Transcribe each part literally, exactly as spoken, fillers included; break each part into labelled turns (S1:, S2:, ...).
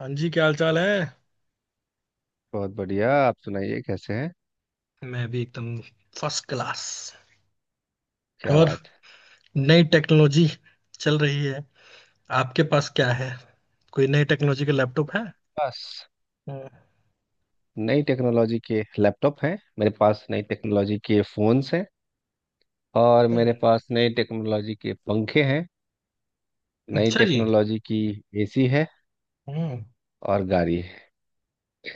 S1: हाँ जी, क्या हाल चाल है।
S2: बहुत बढ़िया। आप सुनाइए कैसे हैं?
S1: मैं भी एकदम फर्स्ट क्लास।
S2: क्या
S1: और
S2: बात है।
S1: नई टेक्नोलॉजी चल रही है। आपके पास क्या है? कोई नई टेक्नोलॉजी का लैपटॉप है?
S2: बस
S1: हम्म।
S2: नई टेक्नोलॉजी के लैपटॉप हैं, मेरे पास नई टेक्नोलॉजी के फ़ोन्स हैं, और मेरे पास नई टेक्नोलॉजी के पंखे हैं। नई
S1: अच्छा जी।
S2: टेक्नोलॉजी की एसी है
S1: हम्म।
S2: और गाड़ी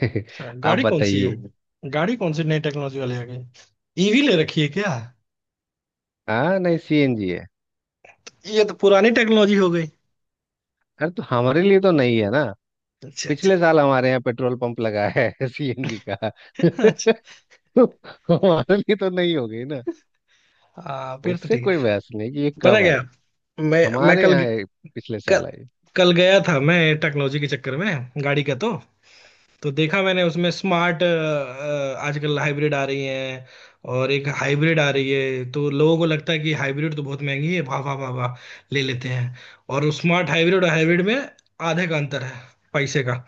S2: है।
S1: अच्छा,
S2: आप
S1: गाड़ी कौन सी
S2: बताइए।
S1: है? गाड़ी कौन सी नई टेक्नोलॉजी वाली आ गई? ईवी ले रखी है क्या?
S2: हाँ, नहीं, सीएनजी है।
S1: ये तो पुरानी टेक्नोलॉजी हो गई।
S2: अरे तो हमारे लिए तो नहीं है ना।
S1: अच्छा अच्छा।
S2: पिछले साल हमारे यहाँ पेट्रोल पंप लगा है, सीएनजी का।
S1: अच्छा।
S2: तो हमारे लिए तो नहीं हो गई ना।
S1: हाँ, फिर तो
S2: उससे
S1: ठीक
S2: कोई
S1: है।
S2: बहस नहीं कि ये
S1: पता
S2: कब आई।
S1: क्या, मैं मैं
S2: हमारे
S1: कल
S2: यहाँ ये पिछले
S1: कल,
S2: साल आई।
S1: कल गया था मैं, टेक्नोलॉजी के चक्कर में गाड़ी का। तो तो देखा मैंने उसमें स्मार्ट आजकल हाइब्रिड आ रही हैं। और एक हाइब्रिड आ रही है तो लोगों को लगता है कि हाइब्रिड तो बहुत महंगी है। वाह वाह वाह वाह, ले लेते हैं। और स्मार्ट हाइब्रिड और हाइब्रिड में आधे का अंतर है पैसे का।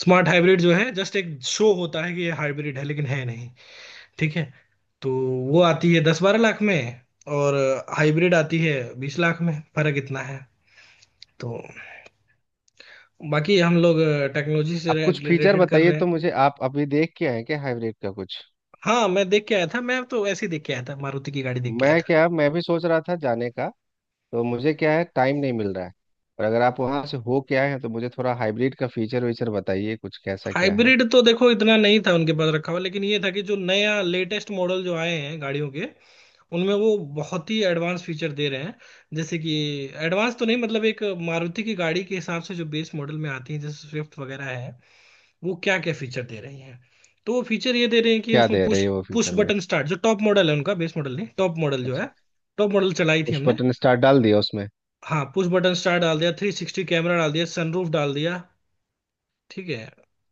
S1: स्मार्ट हाइब्रिड जो है जस्ट एक शो होता है कि ये हाइब्रिड है लेकिन है नहीं। ठीक है। तो वो आती है दस बारह लाख में, और हाइब्रिड आती है बीस लाख में। फर्क इतना है। तो बाकी हम लोग टेक्नोलॉजी से
S2: अब कुछ फीचर
S1: रिलेटेड कर
S2: बताइए
S1: रहे
S2: तो,
S1: हैं।
S2: मुझे आप अभी देख के आए क्या हाइब्रिड का कुछ?
S1: हाँ, मैं देख के आया था। मैं तो ऐसे ही देख के आया था, मारुति की गाड़ी देख के आया
S2: मैं,
S1: था।
S2: क्या, मैं भी सोच रहा था जाने का, तो मुझे क्या है, टाइम नहीं मिल रहा है। और अगर आप वहां से हो के आए हैं तो मुझे थोड़ा हाइब्रिड का फीचर वीचर बताइए कुछ, कैसा क्या है?
S1: हाइब्रिड तो देखो इतना नहीं था उनके पास रखा हुआ, लेकिन ये था कि जो नया लेटेस्ट मॉडल जो आए हैं गाड़ियों के, उनमें वो बहुत ही एडवांस फीचर दे रहे हैं। जैसे कि एडवांस तो नहीं, मतलब एक मारुति की गाड़ी के हिसाब से जो बेस मॉडल में आती है जैसे स्विफ्ट वगैरह है, वो क्या क्या फीचर दे रही है। तो वो फीचर ये दे रहे हैं कि
S2: क्या
S1: उसमें
S2: दे रही
S1: पुश,
S2: है वो
S1: पुश
S2: फीचर में?
S1: Button start. जो टॉप मॉडल है उनका, बेस मॉडल नहीं, टॉप मॉडल जो
S2: अच्छा,
S1: है, टॉप मॉडल चलाई थी
S2: पुश
S1: हमने।
S2: बटन स्टार्ट डाल दिया उसमें।
S1: हाँ, पुश बटन स्टार्ट डाल दिया, थ्री सिक्सटी कैमरा डाल दिया, सनरूफ डाल दिया। ठीक है।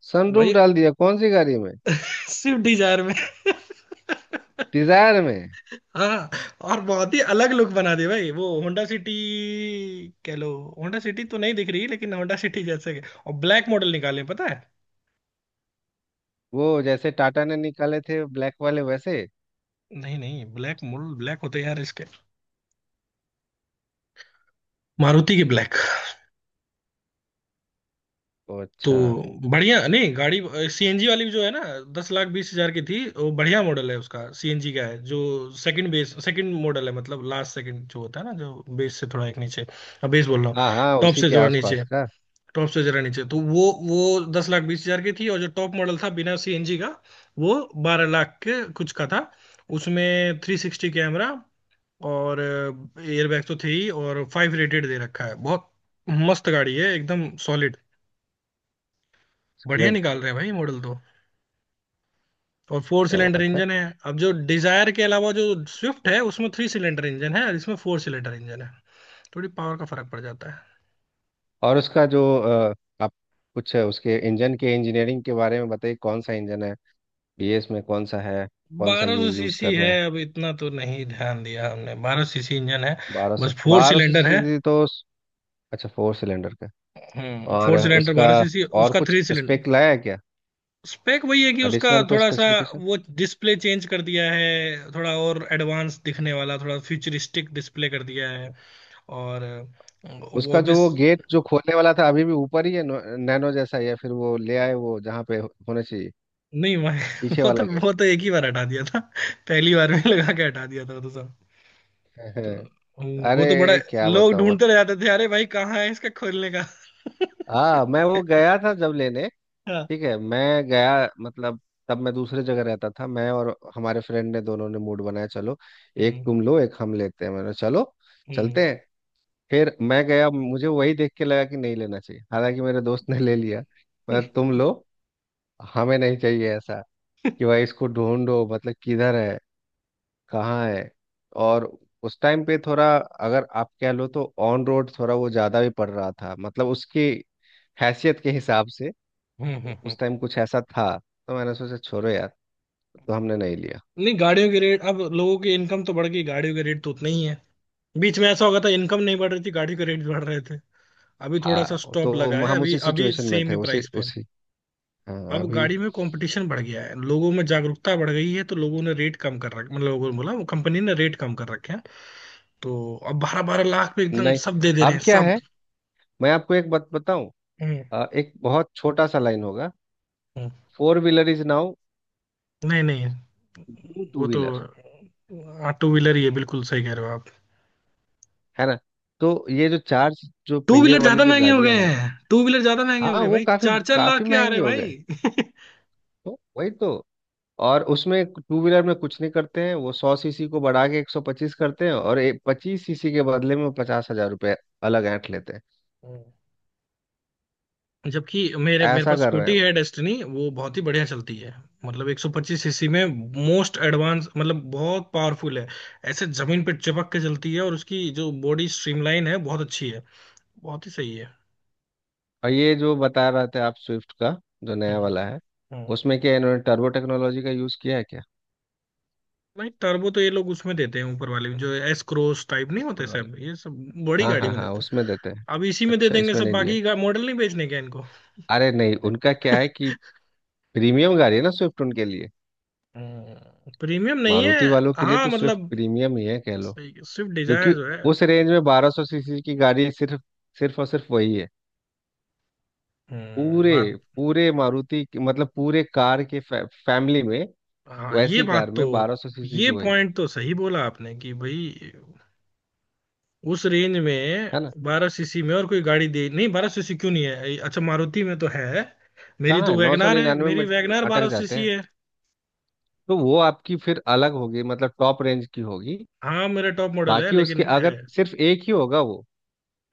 S2: सनरूफ
S1: भाई,
S2: डाल दिया कौन सी गाड़ी में?
S1: स्विफ्ट डिजायर में
S2: डिजायर में।
S1: हाँ। और बहुत ही अलग लुक बना दिया भाई, वो होंडा सिटी कह लो। होंडा सिटी तो नहीं दिख रही, लेकिन होंडा सिटी जैसे के- और ब्लैक मॉडल निकाले, पता है।
S2: वो जैसे टाटा ने निकाले थे ब्लैक वाले, वैसे?
S1: नहीं नहीं, ब्लैक मॉडल ब्लैक होते हैं यार इसके, मारुति की ब्लैक।
S2: ओ,
S1: तो
S2: अच्छा।
S1: बढ़िया नहीं गाड़ी, सीएनजी वाली जो है ना, दस लाख बीस हजार की थी। वो बढ़िया मॉडल है, उसका सीएनजी का है जो सेकंड बेस, सेकंड मॉडल है, मतलब लास्ट सेकंड जो होता है ना, जो बेस से थोड़ा एक नीचे, बेस बोल रहा हूँ,
S2: हाँ हाँ,
S1: टॉप
S2: उसी
S1: से
S2: के
S1: जो है
S2: आसपास
S1: नीचे,
S2: का।
S1: टॉप से जरा नीचे। तो वो वो दस लाख बीस हजार की थी, और जो टॉप मॉडल था बिना सीएनजी का, वो बारह लाख के कुछ का था। उसमें थ्री सिक्सटी कैमरा और एयरबैग तो थे ही, और फाइव रेटेड दे रखा है। बहुत मस्त गाड़ी है, एकदम सॉलिड। बढ़िया
S2: बुलेट।
S1: निकाल रहे हैं भाई मॉडल तो। और फोर
S2: क्या
S1: सिलेंडर
S2: बात है।
S1: इंजन है। अब जो डिजायर के अलावा जो स्विफ्ट है, उसमें थ्री सिलेंडर इंजन है, और इसमें फोर सिलेंडर इंजन है। थोड़ी पावर का फर्क पड़ जाता है।
S2: और उसका जो अ, आप, कुछ है, उसके इंजन के, इंजीनियरिंग के बारे में बताइए कौन सा इंजन है? बीएस में कौन सा है? कौन सा
S1: बारह
S2: ये
S1: सौ
S2: यूज़
S1: सीसी
S2: कर रहे
S1: है,
S2: हैं?
S1: अब इतना तो नहीं ध्यान दिया हमने। बारह सीसी इंजन है,
S2: बारह सौ
S1: बस फोर
S2: बारह सौ
S1: सिलेंडर है।
S2: सीसी तो। अच्छा, फोर सिलेंडर का।
S1: हम्म,
S2: और
S1: फोर सिलेंडर
S2: उसका
S1: बारह सीसी
S2: और
S1: उसका
S2: कुछ
S1: थ्री सिलेंडर।
S2: स्पेक लाया है क्या?
S1: स्पेक वही है, कि उसका
S2: एडिशनल को
S1: थोड़ा सा
S2: स्पेसिफिकेशन।
S1: वो डिस्प्ले चेंज कर दिया है, थोड़ा और एडवांस दिखने वाला, थोड़ा फ्यूचरिस्टिक डिस्प्ले कर दिया है। और अ, वो
S2: उसका
S1: भी।
S2: जो वो गेट जो खोलने वाला था, अभी भी ऊपर ही है? नैनो जैसा, या फिर वो ले आए वो जहाँ पे होना चाहिए?
S1: नहीं वह-
S2: पीछे
S1: वो
S2: वाला
S1: तो वो
S2: गेट।
S1: तो एक ही बार हटा दिया था, पहली बार में लगा के हटा दिया था वो तो सब। तो हम्म, वो तो बड़ा
S2: अरे क्या
S1: लोग
S2: बताओ
S1: ढूंढते
S2: मतलब।
S1: रह जाते थे, अरे भाई कहाँ है इसका खोलने का।
S2: हाँ, मैं वो गया था जब लेने।
S1: हाँ।
S2: ठीक है, मैं गया मतलब, तब मैं दूसरे जगह रहता था, मैं और हमारे फ्रेंड ने, दोनों ने मूड बनाया, चलो एक
S1: हम्म
S2: तुम लो एक हम लेते हैं, मैंने, चलो
S1: हम्म।
S2: चलते हैं। फिर मैं गया, मुझे वही देख के लगा कि नहीं लेना चाहिए, हालांकि मेरे दोस्त ने ले लिया। मैं, तुम लो, हमें नहीं चाहिए ऐसा कि भाई इसको ढूंढो, मतलब किधर है, कहाँ है। और उस टाइम पे थोड़ा, अगर आप कह लो तो ऑन रोड थोड़ा वो ज्यादा भी पड़ रहा था, मतलब उसकी हैसियत के हिसाब से।
S1: हम्म हम्म, हम्म।
S2: उस टाइम कुछ ऐसा था, तो मैंने सोचा छोड़ो यार, तो हमने नहीं लिया।
S1: नहीं, गाड़ियों के रेट, अब लोगों की इनकम तो बढ़ गई, गाड़ियों के रेट तो उतने ही है। बीच में ऐसा हो गया था, इनकम नहीं बढ़ रही थी, गाड़ियों के रेट बढ़ रहे थे। अभी थोड़ा सा
S2: हाँ तो
S1: स्टॉप लगा
S2: हम
S1: है,
S2: हम
S1: अभी
S2: उसी
S1: अभी
S2: सिचुएशन में
S1: सेम
S2: थे,
S1: ही
S2: उसी
S1: प्राइस पे है।
S2: उसी हाँ,
S1: अब
S2: अभी
S1: गाड़ी में कंपटीशन बढ़ गया है, लोगों में जागरूकता बढ़ गई है, तो लोगों ने रेट कम कर रखा, मतलब लोगों ने बोला, वो कंपनी ने रेट कम कर रखे हैं। तो अब बारह बारह लाख पे एकदम
S2: नहीं।
S1: सब दे दे रहे
S2: अब
S1: हैं
S2: क्या
S1: सब।
S2: है, मैं आपको एक बात बताऊं,
S1: हम्म
S2: अ, एक बहुत छोटा सा लाइन होगा।
S1: हम्म।
S2: फोर व्हीलर इज नाउ
S1: नहीं नहीं,
S2: न्यू टू
S1: वो तो।
S2: व्हीलर,
S1: हाँ, टू व्हीलर ही है, बिल्कुल सही कह रहे हो आप।
S2: है ना? तो ये जो चार, जो
S1: टू
S2: पहिए
S1: व्हीलर
S2: वाली
S1: ज्यादा
S2: जो
S1: महंगे हो गए
S2: गाड़ियां हैं,
S1: हैं, टू व्हीलर ज्यादा महंगे हो
S2: हाँ
S1: गए
S2: वो
S1: भाई,
S2: काफी
S1: चार चार लाख
S2: काफी
S1: के आ
S2: महंगी
S1: रहे
S2: हो गए।
S1: भाई
S2: तो वही तो, और उसमें टू व्हीलर में कुछ नहीं करते हैं वो, सौ सीसी को बढ़ा के एक सौ पच्चीस करते हैं, और पच्चीस सीसी के बदले में वो पचास हजार रुपये अलग ऐंठ लेते हैं।
S1: हम्म। जबकि मेरे मेरे
S2: ऐसा
S1: पास
S2: कर रहे हैं।
S1: स्कूटी है, डेस्टिनी, वो बहुत ही बढ़िया चलती है। मतलब एक सौ पच्चीस सीसी में मोस्ट एडवांस, मतलब बहुत पावरफुल है। ऐसे जमीन पे चिपक के चलती है, और उसकी जो बॉडी स्ट्रीमलाइन है, बहुत अच्छी है। बहुत ही सही है।
S2: और ये जो बता रहे थे आप स्विफ्ट का जो नया
S1: हम्म
S2: वाला है,
S1: हम्म।
S2: उसमें क्या इन्होंने टर्बो टेक्नोलॉजी का यूज़ किया है क्या?
S1: भाई, टर्बो तो ये लोग उसमें देते हैं, ऊपर वाले में, जो एस क्रॉस टाइप नहीं होते
S2: ऊपर वाले।
S1: सब ये सब, बड़ी
S2: हाँ
S1: गाड़ी
S2: हाँ
S1: में
S2: हाँ,
S1: देते हैं।
S2: उसमें देते हैं।
S1: अब इसी में दे
S2: अच्छा,
S1: देंगे
S2: इसमें
S1: सब,
S2: नहीं दिया।
S1: बाकी का मॉडल नहीं बेचने क्या इनको।
S2: अरे नहीं, उनका क्या है कि प्रीमियम गाड़ी है ना स्विफ्ट उनके लिए।
S1: हम्म, प्रीमियम नहीं है।
S2: मारुति वालों के लिए
S1: हाँ
S2: तो स्विफ्ट
S1: मतलब,
S2: प्रीमियम ही है कह लो,
S1: सही स्विफ्ट
S2: क्योंकि
S1: डिजायर जो है।
S2: उस रेंज में बारह सौ सीसी की गाड़ी सिर्फ, सिर्फ और सिर्फ वही है।
S1: हम्म,
S2: पूरे,
S1: बात।
S2: पूरे मारुति के-, मतलब पूरे कार के फै, फैमिली में,
S1: हाँ, ये
S2: वैसी कार
S1: बात तो।
S2: में बारह सौ सीसी की
S1: ये
S2: वही,
S1: पॉइंट तो सही बोला आपने कि भाई उस रेंज में।
S2: है ना?
S1: बारह सीसी में और कोई गाड़ी दे नहीं, बारह सीसी क्यों नहीं है। अच्छा मारुति में तो है, मेरी
S2: कहाँ है,
S1: तो
S2: नौ सौ
S1: वैगनार है,
S2: निन्यानवे
S1: मेरी
S2: में
S1: वैगनार
S2: अटक
S1: बारह
S2: जाते
S1: सीसी
S2: हैं।
S1: है।
S2: तो वो आपकी फिर अलग होगी, मतलब टॉप रेंज की होगी।
S1: हाँ, मेरा टॉप मॉडल है
S2: बाकी उसके
S1: लेकिन है।
S2: अगर सिर्फ एक ही होगा वो,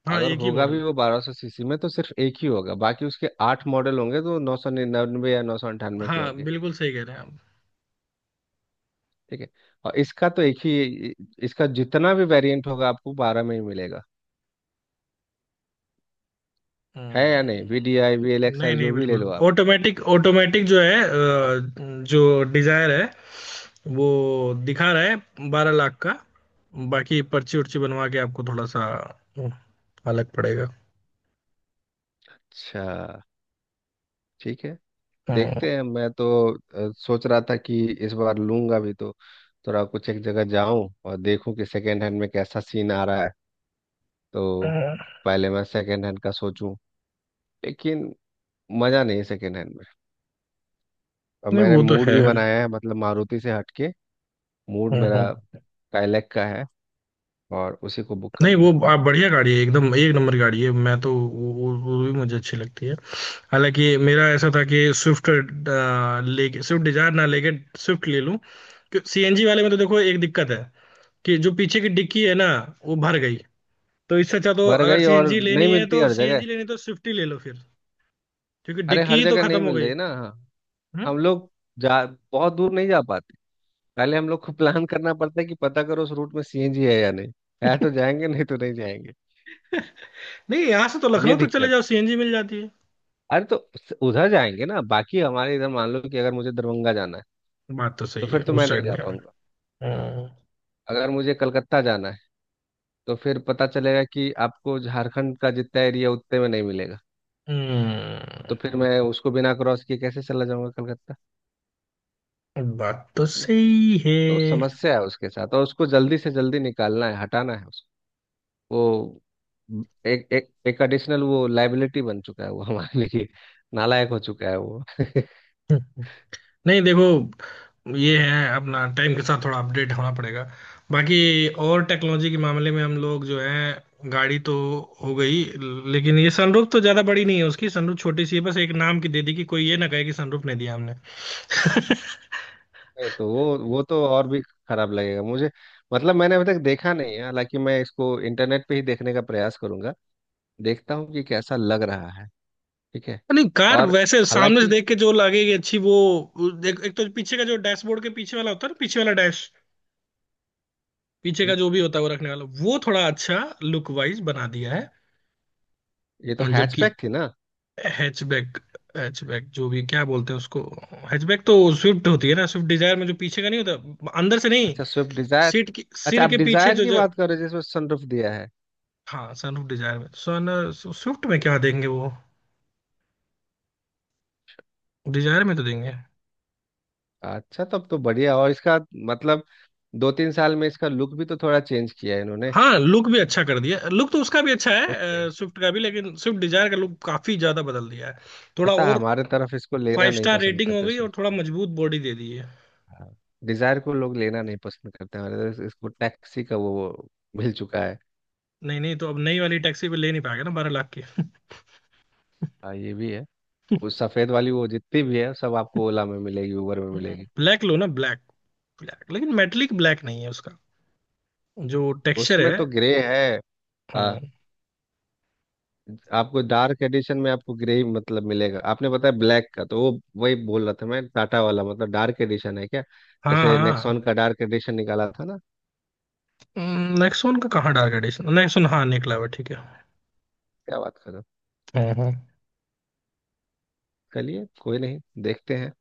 S1: हाँ,
S2: अगर
S1: एक ही
S2: होगा
S1: मॉडल।
S2: भी वो बारह सौ सीसी में, तो सिर्फ एक ही होगा। बाकी उसके आठ मॉडल होंगे तो नौ सौ निन्यानवे या नौ सौ अंठानवे के
S1: हाँ,
S2: होंगे।
S1: बिल्कुल सही कह रहे हैं
S2: ठीक है। और इसका तो एक ही, इसका जितना भी वेरिएंट होगा आपको बारह में ही मिलेगा, है या नहीं?
S1: आप।
S2: V D I, V L X
S1: नहीं
S2: आई,
S1: नहीं,
S2: जो भी ले
S1: बिल्कुल
S2: लो आप।
S1: ऑटोमेटिक, ऑटोमेटिक जो है अ, जो डिजायर है, वो दिखा रहा है बारह लाख का। बाकी पर्ची उर्ची बनवा के आपको थोड़ा सा अ, अलग पड़ेगा।
S2: अच्छा, ठीक है।
S1: हम्म
S2: देखते हैं। मैं तो अ, सोच रहा था कि इस बार लूंगा भी तो थोड़ा कुछ, एक जगह जाऊं और देखूं कि सेकेंड हैंड में कैसा सीन आ रहा है, तो
S1: हम्म।
S2: पहले मैं सेकेंड हैंड का सोचूं, लेकिन मज़ा नहीं है सेकेंड हैंड में। और
S1: नहीं
S2: मैंने
S1: वो तो
S2: मूड
S1: है।
S2: भी बनाया है, मतलब मारुति से हटके। मूड
S1: हम्म
S2: मेरा
S1: हम्म।
S2: काइलैक का है और उसी को बुक
S1: नहीं
S2: करना
S1: वो
S2: है।
S1: आप, बढ़िया गाड़ी है, एकदम एक नंबर गाड़ी है। मैं तो वो, वो, वो भी मुझे अच्छी लगती है। हालांकि मेरा ऐसा था कि स्विफ्ट लेके, स्विफ्ट डिजायर ना लेके स्विफ्ट ले लूं। सीएनजी वाले में तो देखो एक दिक्कत है, कि जो पीछे की डिक्की है ना, वो भर गई। तो इससे अच्छा तो,
S2: भर
S1: अगर
S2: गई और
S1: सीएनजी
S2: नहीं
S1: लेनी है,
S2: मिलती
S1: तो
S2: हर जगह।
S1: सीएनजी लेनी है तो स्विफ्ट ही ले लो फिर। क्योंकि
S2: अरे,
S1: डिक्की
S2: हर
S1: ही तो
S2: जगह नहीं
S1: खत्म हो
S2: मिल
S1: गई।
S2: रही ना, हाँ।
S1: हम्म।
S2: हम लोग जा बहुत दूर नहीं जा पाते। पहले हम लोग को प्लान करना पड़ता है कि पता करो उस रूट में सीएनजी है या नहीं, है तो जाएंगे, नहीं तो नहीं जाएंगे।
S1: नहीं, यहाँ से तो
S2: ये
S1: लखनऊ तो चले
S2: दिक्कत।
S1: जाओ, सीएनजी मिल जाती है।
S2: अरे तो उस- उधर जाएंगे ना, बाकी हमारे इधर मान लो कि अगर मुझे दरभंगा जाना है
S1: बात तो
S2: तो
S1: सही है
S2: फिर तो
S1: उस
S2: मैं नहीं
S1: साइड
S2: जा
S1: में।
S2: पाऊंगा।
S1: हम्म
S2: अगर मुझे कलकत्ता जाना है तो फिर पता चलेगा कि आपको झारखंड का जितना एरिया उतने में नहीं मिलेगा, तो
S1: हम्म,
S2: फिर मैं उसको बिना क्रॉस किए कैसे चला जाऊंगा कलकत्ता,
S1: बात तो
S2: है ना?
S1: सही है।
S2: तो समस्या है उसके साथ, और उसको जल्दी से जल्दी निकालना है, हटाना है वो। एक एक एक एडिशनल, वो लाइबिलिटी बन चुका है वो हमारे लिए। नालायक हो चुका है वो।
S1: नहीं देखो, ये है, अपना टाइम के साथ थोड़ा अपडेट होना पड़ेगा। बाकी और टेक्नोलॉजी के मामले में हम लोग जो है, गाड़ी तो हो गई। लेकिन ये सनरूफ तो ज्यादा बड़ी नहीं है उसकी, सनरूफ छोटी सी है, बस एक नाम की दे दी कि कोई ये ना कहे कि सनरूफ नहीं दिया हमने।
S2: नहीं, तो वो वो तो और भी खराब लगेगा मुझे, मतलब मैंने अभी तक देखा नहीं है। हालांकि मैं इसको इंटरनेट पे ही देखने का प्रयास करूंगा, देखता हूँ कि कैसा लग रहा है। ठीक है।
S1: नहीं, कार
S2: और
S1: वैसे सामने से
S2: हालांकि,
S1: देख के जो लगेगी, अच्छी वो। एक, एक तो पीछे का जो डैशबोर्ड के पीछे वाला होता है ना, पीछे वाला डैश, पीछे का
S2: एक,
S1: जो भी होता है वो रखने वाला, वो थोड़ा अच्छा लुक वाइज बना दिया है।
S2: ये तो
S1: जबकि
S2: हैचबैक थी ना?
S1: हैचबैक, हैचबैक जो भी क्या बोलते हैं उसको, हैचबैक तो स्विफ्ट होती है ना। स्विफ्ट डिजायर में जो पीछे का नहीं होता, अंदर से नहीं,
S2: अच्छा, स्विफ्ट डिजायर।
S1: सीट की
S2: अच्छा,
S1: सिर
S2: आप
S1: के पीछे
S2: डिजायर
S1: जो
S2: की
S1: जो।
S2: बात कर रहे हो जिसमें सनरूफ दिया है?
S1: हाँ, सनरूफ डिजायर में सन, स्विफ्ट में क्या देंगे वो, डिजायर में तो देंगे।
S2: अच्छा, तब तो बढ़िया। और इसका, मतलब दो तीन साल में इसका लुक भी तो थोड़ा चेंज किया है इन्होंने।
S1: हाँ, लुक भी अच्छा कर दिया। लुक तो उसका भी अच्छा
S2: लुक,
S1: है स्विफ्ट का भी, लेकिन स्विफ्ट डिजायर का लुक काफी ज्यादा बदल दिया है, थोड़ा
S2: पता है,
S1: और।
S2: हमारे तरफ इसको लेना
S1: फाइव
S2: नहीं
S1: स्टार
S2: पसंद
S1: रेटिंग हो
S2: करते,
S1: गई, और थोड़ा
S2: स्विफ्ट
S1: मजबूत बॉडी दे दी है।
S2: को, डिजायर को लोग लेना नहीं पसंद करते हमारे तरफ, इसको टैक्सी का वो मिल चुका है।
S1: नहीं नहीं, तो अब नई वाली टैक्सी पे ले नहीं पाएगा ना, बारह लाख की।
S2: हाँ, ये भी है। वो सफेद वाली, वो जितनी भी है सब आपको ओला में मिलेगी, उबर में मिलेगी।
S1: ब्लैक लो ना ब्लैक, ब्लैक लेकिन मेटलिक ब्लैक नहीं है उसका जो टेक्सचर
S2: उसमें
S1: है।
S2: तो ग्रे है। आ,
S1: हाँ
S2: आपको डार्क एडिशन में आपको ग्रे ही मतलब मिलेगा, आपने बताया ब्लैक का तो वो, वही बोल रहा था मैं टाटा वाला, मतलब डार्क एडिशन है क्या?
S1: हाँ।
S2: जैसे
S1: हाँ,
S2: नेक्सॉन का डार्क एडिशन निकाला था ना।
S1: नेक्सॉन का कहाँ डार्क एडिशन, नेक्सॉन हाँ निकला हुआ है, ठीक है।
S2: क्या बात कर रहे हो।
S1: हाँ हाँ।
S2: चलिए, कोई नहीं, देखते हैं,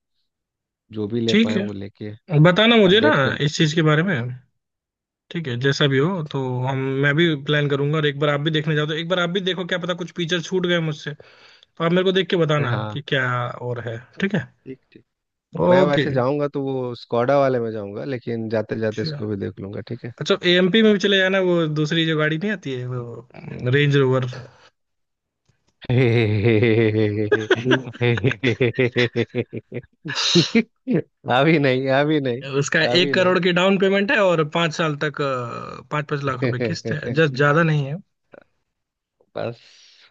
S2: जो भी ले
S1: ठीक
S2: पाए वो लेके
S1: है, बताना मुझे ना,
S2: अपडेट करते
S1: इस
S2: हैं।
S1: चीज के बारे में। ठीक है जैसा भी हो, तो हम, मैं भी प्लान करूंगा, और एक बार आप भी देखने जाओ, तो एक बार आप भी देखो क्या पता कुछ फीचर छूट गए मुझसे। तो आप मेरे को देख के बताना
S2: हाँ,
S1: कि क्या और है। ठीक है।
S2: ठीक ठीक। मैं
S1: ओके।
S2: वैसे जाऊंगा तो वो स्कॉडा वाले में जाऊंगा, लेकिन जाते जाते इसको भी देख लूंगा, ठीक है।
S1: अच्छा, एएमपी में भी चले जाना, वो दूसरी जो गाड़ी नहीं आती है, वो रेंज रोवर।
S2: अभी नहीं, अभी नहीं,
S1: उसका एक
S2: अभी नहीं।
S1: करोड़ की डाउन पेमेंट है, और पाँच साल तक अ, पाँच पाँच लाख रुपए किस्त है, जस्ट, ज्यादा नहीं है।
S2: बस,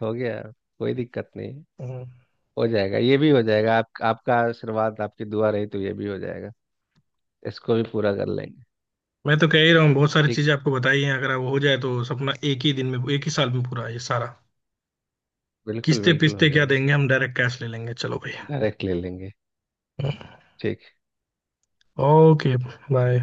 S2: हो गया, कोई दिक्कत नहीं है।
S1: हम्म।
S2: हो जाएगा, ये भी हो जाएगा। आप, आपका आशीर्वाद, आपकी दुआ रही तो ये भी हो जाएगा, इसको भी पूरा कर लेंगे।
S1: मैं तो कह ही रहा हूँ, बहुत सारी
S2: ठीक है,
S1: चीजें आपको बताई हैं, अगर वो हो जाए तो सपना, एक ही दिन में, एक ही साल में पूरा ये सारा।
S2: बिल्कुल
S1: किस्ते
S2: बिल्कुल हो
S1: पिस्ते क्या
S2: जाएगा।
S1: देंगे, हम डायरेक्ट कैश ले लेंगे चलो
S2: डायरेक्ट ले लेंगे।
S1: भाई।
S2: ठीक
S1: ओके। बाय।